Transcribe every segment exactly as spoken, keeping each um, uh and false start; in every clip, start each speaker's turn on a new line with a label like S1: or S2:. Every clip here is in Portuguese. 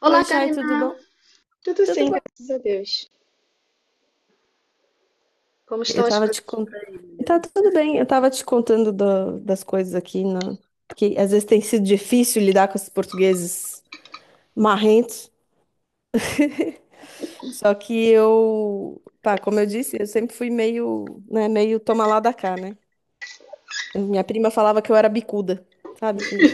S1: Olá,
S2: Oi, Chay, tudo
S1: Karina.
S2: bom?
S1: Tudo
S2: Tudo
S1: sim,
S2: bom.
S1: graças a Deus. Como estão
S2: Eu
S1: as
S2: tava te
S1: coisas por
S2: contando.
S1: aí,
S2: Tá
S1: menina?
S2: tudo bem, eu tava te contando do- das coisas aqui, na... que às vezes tem sido difícil lidar com esses portugueses marrentos. Só que eu, pá, como eu disse, eu sempre fui meio, né, meio toma lá da cá, né? Minha prima falava que eu era bicuda, sabe? Que...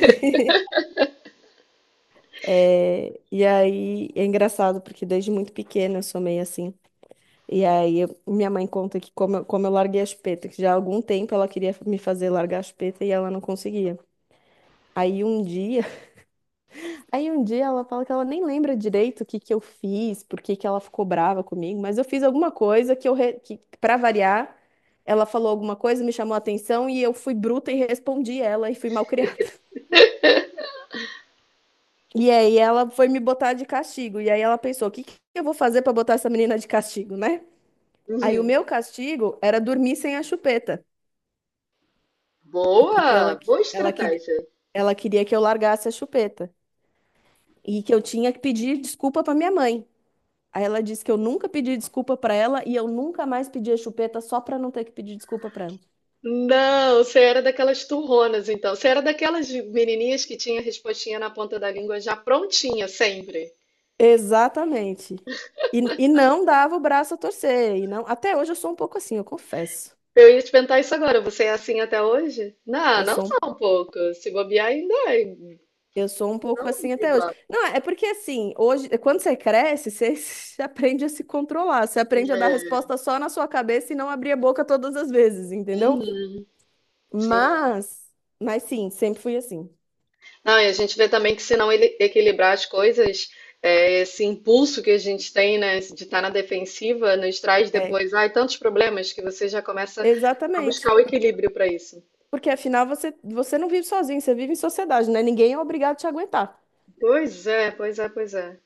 S2: É... E aí é engraçado, porque desde muito pequena eu sou meio assim. E aí, eu- minha mãe conta que como, eu- como eu larguei a chupeta, que já há algum tempo ela queria me fazer largar a chupeta e ela não conseguia. Aí um dia, aí um dia ela fala que ela nem lembra direito o que que eu fiz, por que que ela ficou brava comigo, mas eu fiz alguma coisa que eu re- que para variar, ela falou alguma coisa, me chamou a atenção e eu fui bruta e respondi ela e fui malcriada. E aí ela foi me botar de castigo. E aí ela pensou, o que que eu vou fazer pra botar essa menina de castigo, né? Aí o
S1: Uhum.
S2: meu castigo era dormir sem a chupeta. porque ela,
S1: Boa,
S2: que-
S1: boa
S2: ela, que-
S1: estratégia.
S2: ela queria que eu largasse a chupeta e que eu tinha que pedir desculpa para minha mãe. Aí ela disse que eu nunca pedi desculpa para ela e eu nunca mais pedi a chupeta só para não ter que pedir desculpa para ela.
S1: Não, você era daquelas turronas, então. Você era daquelas menininhas que tinha a respostinha na ponta da língua já prontinha, sempre.
S2: Exatamente. E, e não dava o braço a torcer, e não, até hoje eu sou um pouco assim, eu confesso.
S1: Eu ia te perguntar isso agora. Você é assim até hoje? Não,
S2: Eu
S1: não
S2: sou, um-
S1: só um pouco. Se bobear ainda é.
S2: eu sou um pouco
S1: Não,
S2: assim até hoje.
S1: igual.
S2: Não, é porque assim, hoje, quando você cresce, você aprende a se controlar, você aprende a dar
S1: É.
S2: resposta só na sua cabeça e não abrir a boca todas as vezes, entendeu?
S1: Uhum. Sim.
S2: Mas, mas sim, sempre fui assim.
S1: Não, e a gente vê também que se não ele- equilibrar as coisas, é, esse impulso que a gente tem, né, de estar na defensiva, nos traz
S2: É,
S1: depois, ai, tantos problemas que você já começa a
S2: exatamente.
S1: buscar o equilíbrio para isso.
S2: Porque afinal você, você não vive sozinho, você vive em sociedade, né? Ninguém é obrigado a te aguentar.
S1: Pois é, pois é, pois é.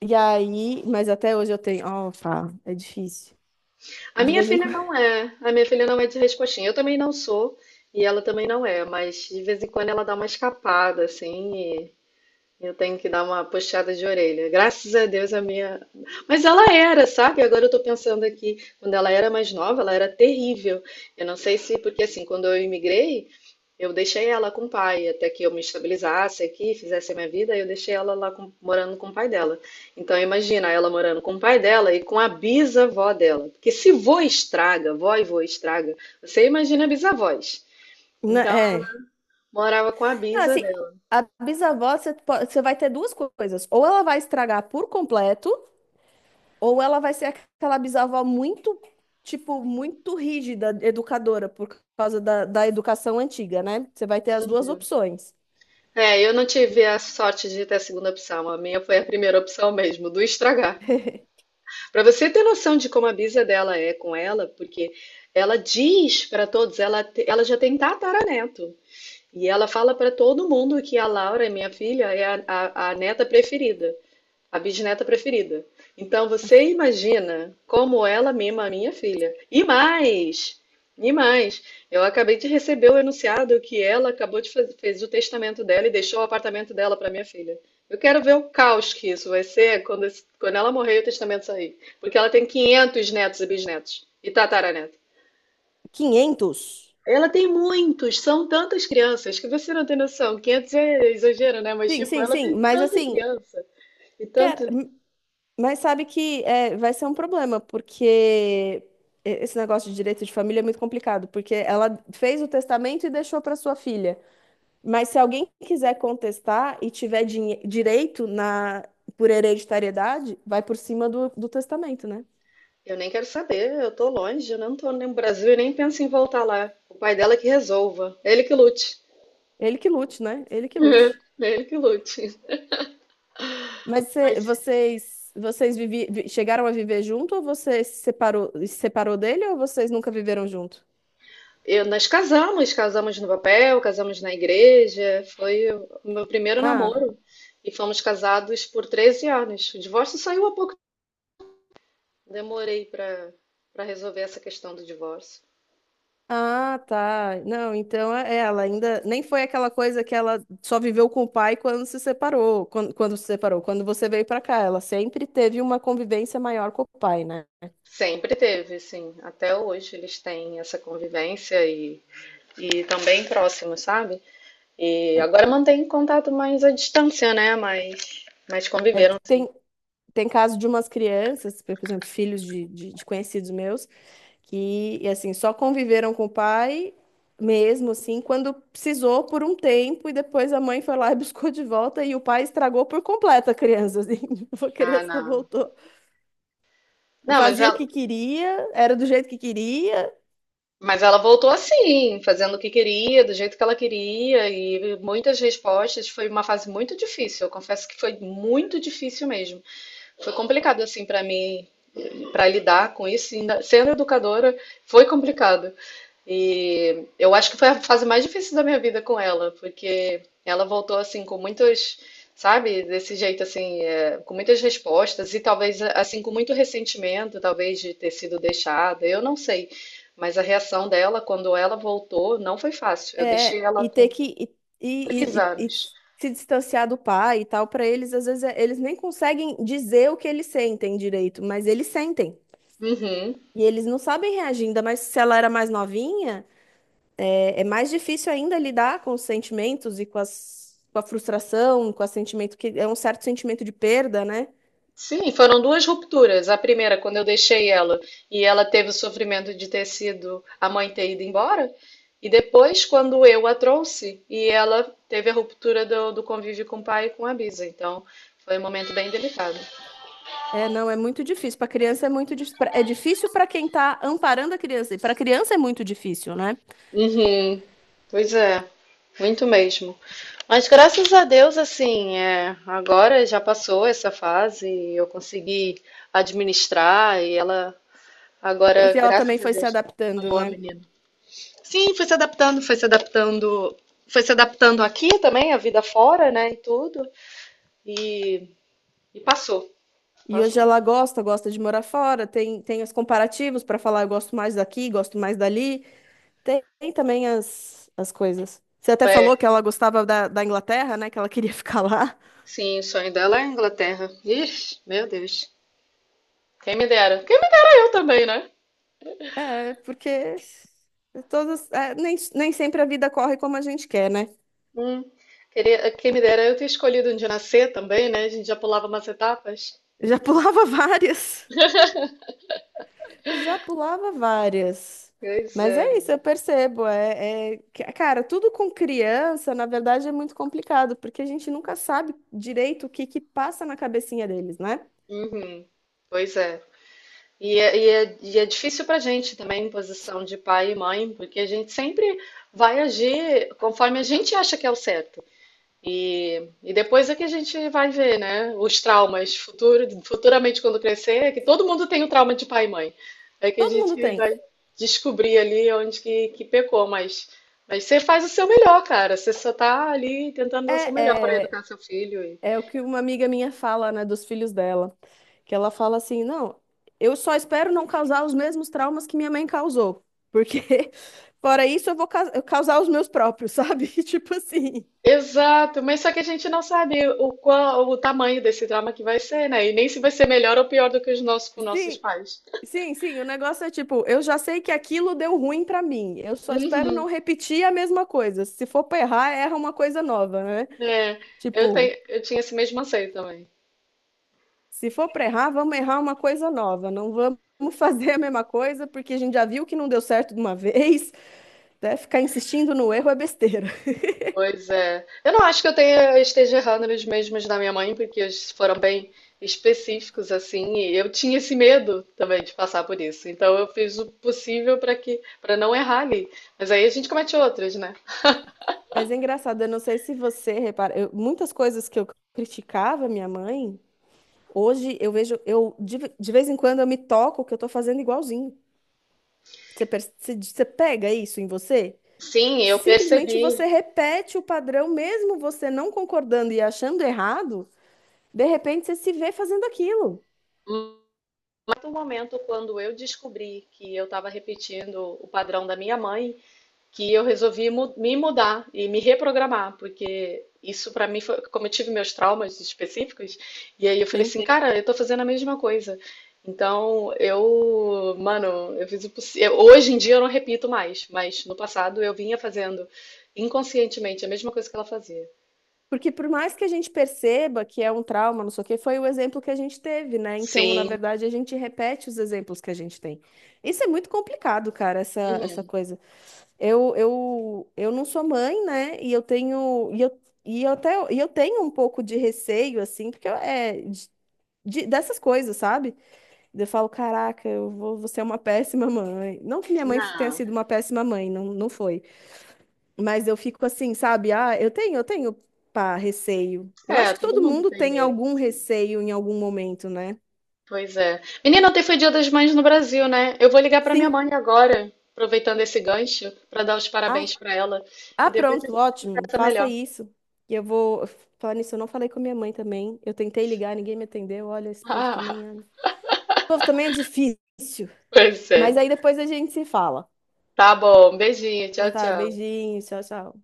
S2: E aí, mas até hoje eu tenho. Ó, pá, é difícil.
S1: A
S2: De
S1: minha
S2: vez em
S1: filha
S2: quando.
S1: não é, a minha filha não é de respostinha. Eu também não sou e ela também não é, mas de vez em quando ela dá uma escapada, assim. Eu tenho que dar uma puxada de orelha. Graças a Deus a minha. Mas ela era, sabe? Agora eu tô pensando aqui, quando ela era mais nova, ela era terrível. Eu não sei se, porque assim, quando eu imigrei, eu deixei ela com o pai, até que eu me estabilizasse aqui, fizesse a minha vida, eu deixei ela lá com- morando com o pai dela. Então imagina ela morando com o pai dela e com a bisavó dela. Porque se vô estraga, vó e vô estraga, você imagina bisavós.
S2: Não,
S1: Então,
S2: é.
S1: morava com a
S2: Não,
S1: bisa
S2: assim,
S1: dela.
S2: a bisavó, você, po- você vai ter duas coisas. Ou ela vai estragar por completo, ou ela vai ser aquela bisavó muito, tipo, muito rígida, educadora, por causa da, da educação antiga, né? Você vai ter as duas opções.
S1: É, eu não tive a sorte de ter a segunda opção. A minha foi a primeira opção mesmo, do estragar. Para você ter noção de como a bisa dela é com ela, porque ela diz para todos, ela, te- ela já tem tataraneto. E ela fala para todo mundo que a Laura, minha filha, é a, a, a neta preferida, a bisneta preferida. Então você imagina como ela mima a minha filha. E mais, e mais, eu acabei de receber o enunciado que ela acabou de fazer, fez o testamento dela e deixou o apartamento dela para minha filha. Eu quero ver o caos que isso vai ser quando, esse- quando ela morrer e o testamento sair. Porque ela tem quinhentos netos e bisnetos e tataraneto.
S2: Quinhentos.
S1: Ela tem muitos, são tantas crianças que você não tem noção. quinhentos é exagero, né? Mas,
S2: Sim,
S1: tipo,
S2: sim,
S1: ela tem
S2: sim. Mas
S1: tanta
S2: assim,
S1: criança e tanto.
S2: cara, m- mas sabe que é, vai ser um problema, porque esse negócio de direito de família é muito complicado, porque ela fez o testamento e deixou para sua filha. Mas se alguém quiser contestar e tiver dinhe- direito na por hereditariedade, vai por cima do, do testamento, né?
S1: Eu nem quero saber, eu tô longe, eu não tô no Brasil e nem penso em voltar lá. O pai dela que resolva, ele que lute.
S2: Ele que lute, né? Ele que lute.
S1: Ele que lute.
S2: Mas cê-
S1: Mas
S2: vocês vocês vivi- vi- chegaram a viver junto ou você se separou, se separou dele ou vocês nunca viveram junto?
S1: eu, nós casamos, casamos no papel, casamos na igreja, foi o meu primeiro
S2: Ah.
S1: namoro e fomos casados por treze anos. O divórcio saiu há pouco. Demorei para para resolver essa questão do divórcio.
S2: Ah, tá. Não, então é- é, ela ainda nem foi aquela coisa que ela só viveu com o pai quando se separou, quando, quando se separou, quando você veio pra cá, ela sempre teve uma convivência maior com o pai, né?
S1: Sempre teve, sim. Até hoje eles têm essa convivência e, e tão bem próximos, sabe? E
S2: É,
S1: agora mantém contato mais à distância, né? Mas, mas
S2: é
S1: conviveram,
S2: porque
S1: sim.
S2: tem tem caso de umas crianças, por exemplo, filhos de, de, de conhecidos meus, que e assim só conviveram com o pai mesmo assim quando precisou por um tempo e depois a mãe foi lá e buscou de volta e o pai estragou por completo a criança, assim, a
S1: Ah,
S2: criança
S1: não.
S2: voltou
S1: Não, mas
S2: fazia o
S1: ela,
S2: que queria, era do jeito que queria,
S1: mas ela voltou assim, fazendo o que queria, do jeito que ela queria, e muitas respostas. Foi uma fase muito difícil. Eu confesso que foi muito difícil mesmo. Foi complicado assim para mim, para lidar com isso. Ainda sendo educadora, foi complicado. E eu acho que foi a fase mais difícil da minha vida com ela, porque ela voltou assim com muitos, sabe, desse jeito assim, é, com muitas respostas e talvez assim com muito ressentimento, talvez de ter sido deixada, eu não sei. Mas a reação dela quando ela voltou não foi fácil. Eu deixei
S2: é,
S1: ela
S2: e ter
S1: com
S2: que e,
S1: três
S2: e- e- e
S1: anos.
S2: se distanciar do pai e tal, para eles, às vezes, é- eles nem conseguem dizer o que eles sentem direito, mas eles sentem.
S1: Uhum.
S2: E eles não sabem reagir, ainda mais se ela era mais novinha, é, é mais difícil ainda lidar com os sentimentos e com as, com a frustração, com o sentimento que é um certo sentimento de perda, né?
S1: Sim, foram duas rupturas. A primeira, quando eu deixei ela e ela teve o sofrimento de ter sido a mãe ter ido embora. E depois, quando eu a trouxe e ela teve a ruptura do, do convívio com o pai e com a Bisa. Então, foi um momento bem delicado.
S2: É, não, é muito difícil. Para criança é muito dif- pra- é difícil para quem tá amparando a criança. E para criança é muito difícil, né?
S1: Uhum. Pois é, muito mesmo. Mas graças a Deus, assim, é, agora já passou essa fase, eu consegui administrar e ela
S2: Pra-
S1: agora,
S2: E ela também
S1: graças a
S2: foi se
S1: Deus, é uma
S2: adaptando,
S1: boa
S2: né?
S1: menina. Sim, foi se adaptando, foi se adaptando, foi se adaptando aqui também, a vida fora, né, e tudo. E, e passou,
S2: E hoje
S1: passou.
S2: ela gosta, gosta de morar fora, tem, tem os comparativos para falar, eu gosto mais daqui, gosto mais dali. Tem, tem também as, as coisas. Você até
S1: É,
S2: falou que ela gostava da, da Inglaterra, né? Que ela queria ficar lá.
S1: sim, o sonho dela é a Inglaterra. Ixi, meu Deus. Quem me dera. Quem me dera eu também, né?
S2: É, porque todas, é, nem, nem sempre a vida corre como a gente quer, né?
S1: Hum, queria, quem me dera eu ter escolhido onde nascer também, né? A gente já pulava umas etapas.
S2: Já pulava várias. Já pulava várias.
S1: Pois
S2: Mas
S1: é.
S2: é isso, eu percebo. É, é que- cara, tudo com criança, na verdade, é muito complicado, porque a gente nunca sabe direito o que que passa na cabecinha deles, né?
S1: Uhum. Pois é. E é, e é, e é difícil pra gente também, em posição de pai e mãe, porque a gente sempre vai agir conforme a gente acha que é o certo. E, e depois é que a gente vai ver, né? Os traumas futuro, futuramente quando crescer, é que todo mundo tem o trauma de pai e mãe. É que a
S2: Todo mundo
S1: gente
S2: tem.
S1: vai descobrir ali onde que, que pecou, mas, mas você faz o seu melhor, cara. Você só tá ali tentando dar o seu
S2: É,
S1: melhor para
S2: é,
S1: educar seu filho. E-
S2: é o que uma amiga minha fala, né, dos filhos dela, que ela fala assim, não, eu só espero não causar os mesmos traumas que minha mãe causou, porque fora isso eu vou ca- eu causar os meus próprios, sabe? Tipo assim.
S1: Exato, mas só que a gente não sabe o qual, o tamanho desse trauma que vai ser, né? E nem se vai ser melhor ou pior do que os nossos com nossos
S2: Sim,
S1: pais.
S2: sim, sim, o negócio é tipo, eu já sei que aquilo deu ruim pra mim. Eu só espero
S1: Uhum,
S2: não repetir a mesma coisa. Se for pra errar, erra uma coisa nova, né?
S1: é, eu,
S2: Tipo,
S1: tenho, eu tinha esse mesmo anseio também.
S2: se for pra errar, vamos errar uma coisa nova. Não vamos fazer a mesma coisa, porque a gente já viu que não deu certo de uma vez, né? Ficar insistindo no erro é besteira.
S1: Pois é. Eu não acho que eu tenha, eu esteja errando nos mesmos da minha mãe, porque eles foram bem específicos, assim, e eu tinha esse medo também de passar por isso. Então eu fiz o possível para que, para não errar ali. Mas aí a gente comete outros, né?
S2: Mas é engraçado, eu não sei se você repara, eu- muitas coisas que eu criticava minha mãe, hoje eu vejo, eu de, de vez em quando eu me toco que eu tô fazendo igualzinho. Você, perce- você você pega isso em você?
S1: Sim, eu
S2: Simplesmente
S1: percebi.
S2: você repete o padrão, mesmo você não concordando e achando errado, de repente você se vê fazendo aquilo.
S1: Mas no momento, quando eu descobri que eu estava repetindo o padrão da minha mãe, que eu resolvi mu- me mudar e me reprogramar, porque isso para mim foi como eu tive meus traumas específicos, e aí eu falei
S2: Sim.
S1: assim, cara, eu tô fazendo a mesma coisa. Então, eu, mano, eu fiz o possível. Hoje em dia eu não repito mais, mas no passado eu vinha fazendo inconscientemente a mesma coisa que ela fazia.
S2: Porque por mais que a gente perceba que é um trauma, não sei o quê, foi o exemplo que a gente teve, né? Então, na
S1: Sim,
S2: verdade, a gente repete os exemplos que a gente tem. Isso é muito complicado, cara, essa, essa coisa. Eu, eu, eu não sou mãe, né? E eu tenho e eu, e eu até e eu tenho um pouco de receio assim, porque eu- é de- de- dessas coisas, sabe? Eu falo, caraca, eu vou, vou ser uma péssima mãe. Não que minha mãe tenha
S1: não.
S2: sido uma péssima mãe, não, não foi. Mas eu fico assim, sabe? Ah, eu tenho, eu tenho, pá, receio. Eu acho
S1: É,
S2: que
S1: todo
S2: todo
S1: mundo
S2: mundo
S1: tem
S2: tem
S1: medo.
S2: algum receio em algum momento, né?
S1: Pois é. Menina, ontem foi Dia das Mães no Brasil, né? Eu vou ligar pra minha
S2: Sim.
S1: mãe agora, aproveitando esse gancho, pra dar os
S2: Ah,
S1: parabéns pra ela. E
S2: ah,
S1: depois
S2: pronto, ótimo.
S1: essa é
S2: Faça
S1: melhor.
S2: isso. E eu vou falar nisso. Eu não falei com a minha mãe também. Eu tentei ligar, ninguém me atendeu. Olha, esse povo
S1: Ah,
S2: também é. Esse povo também é difícil.
S1: pois
S2: Mas
S1: é.
S2: aí depois a gente se fala.
S1: Tá bom. Beijinho.
S2: Então
S1: Tchau,
S2: tá,
S1: tchau.
S2: beijinho, tchau, tchau.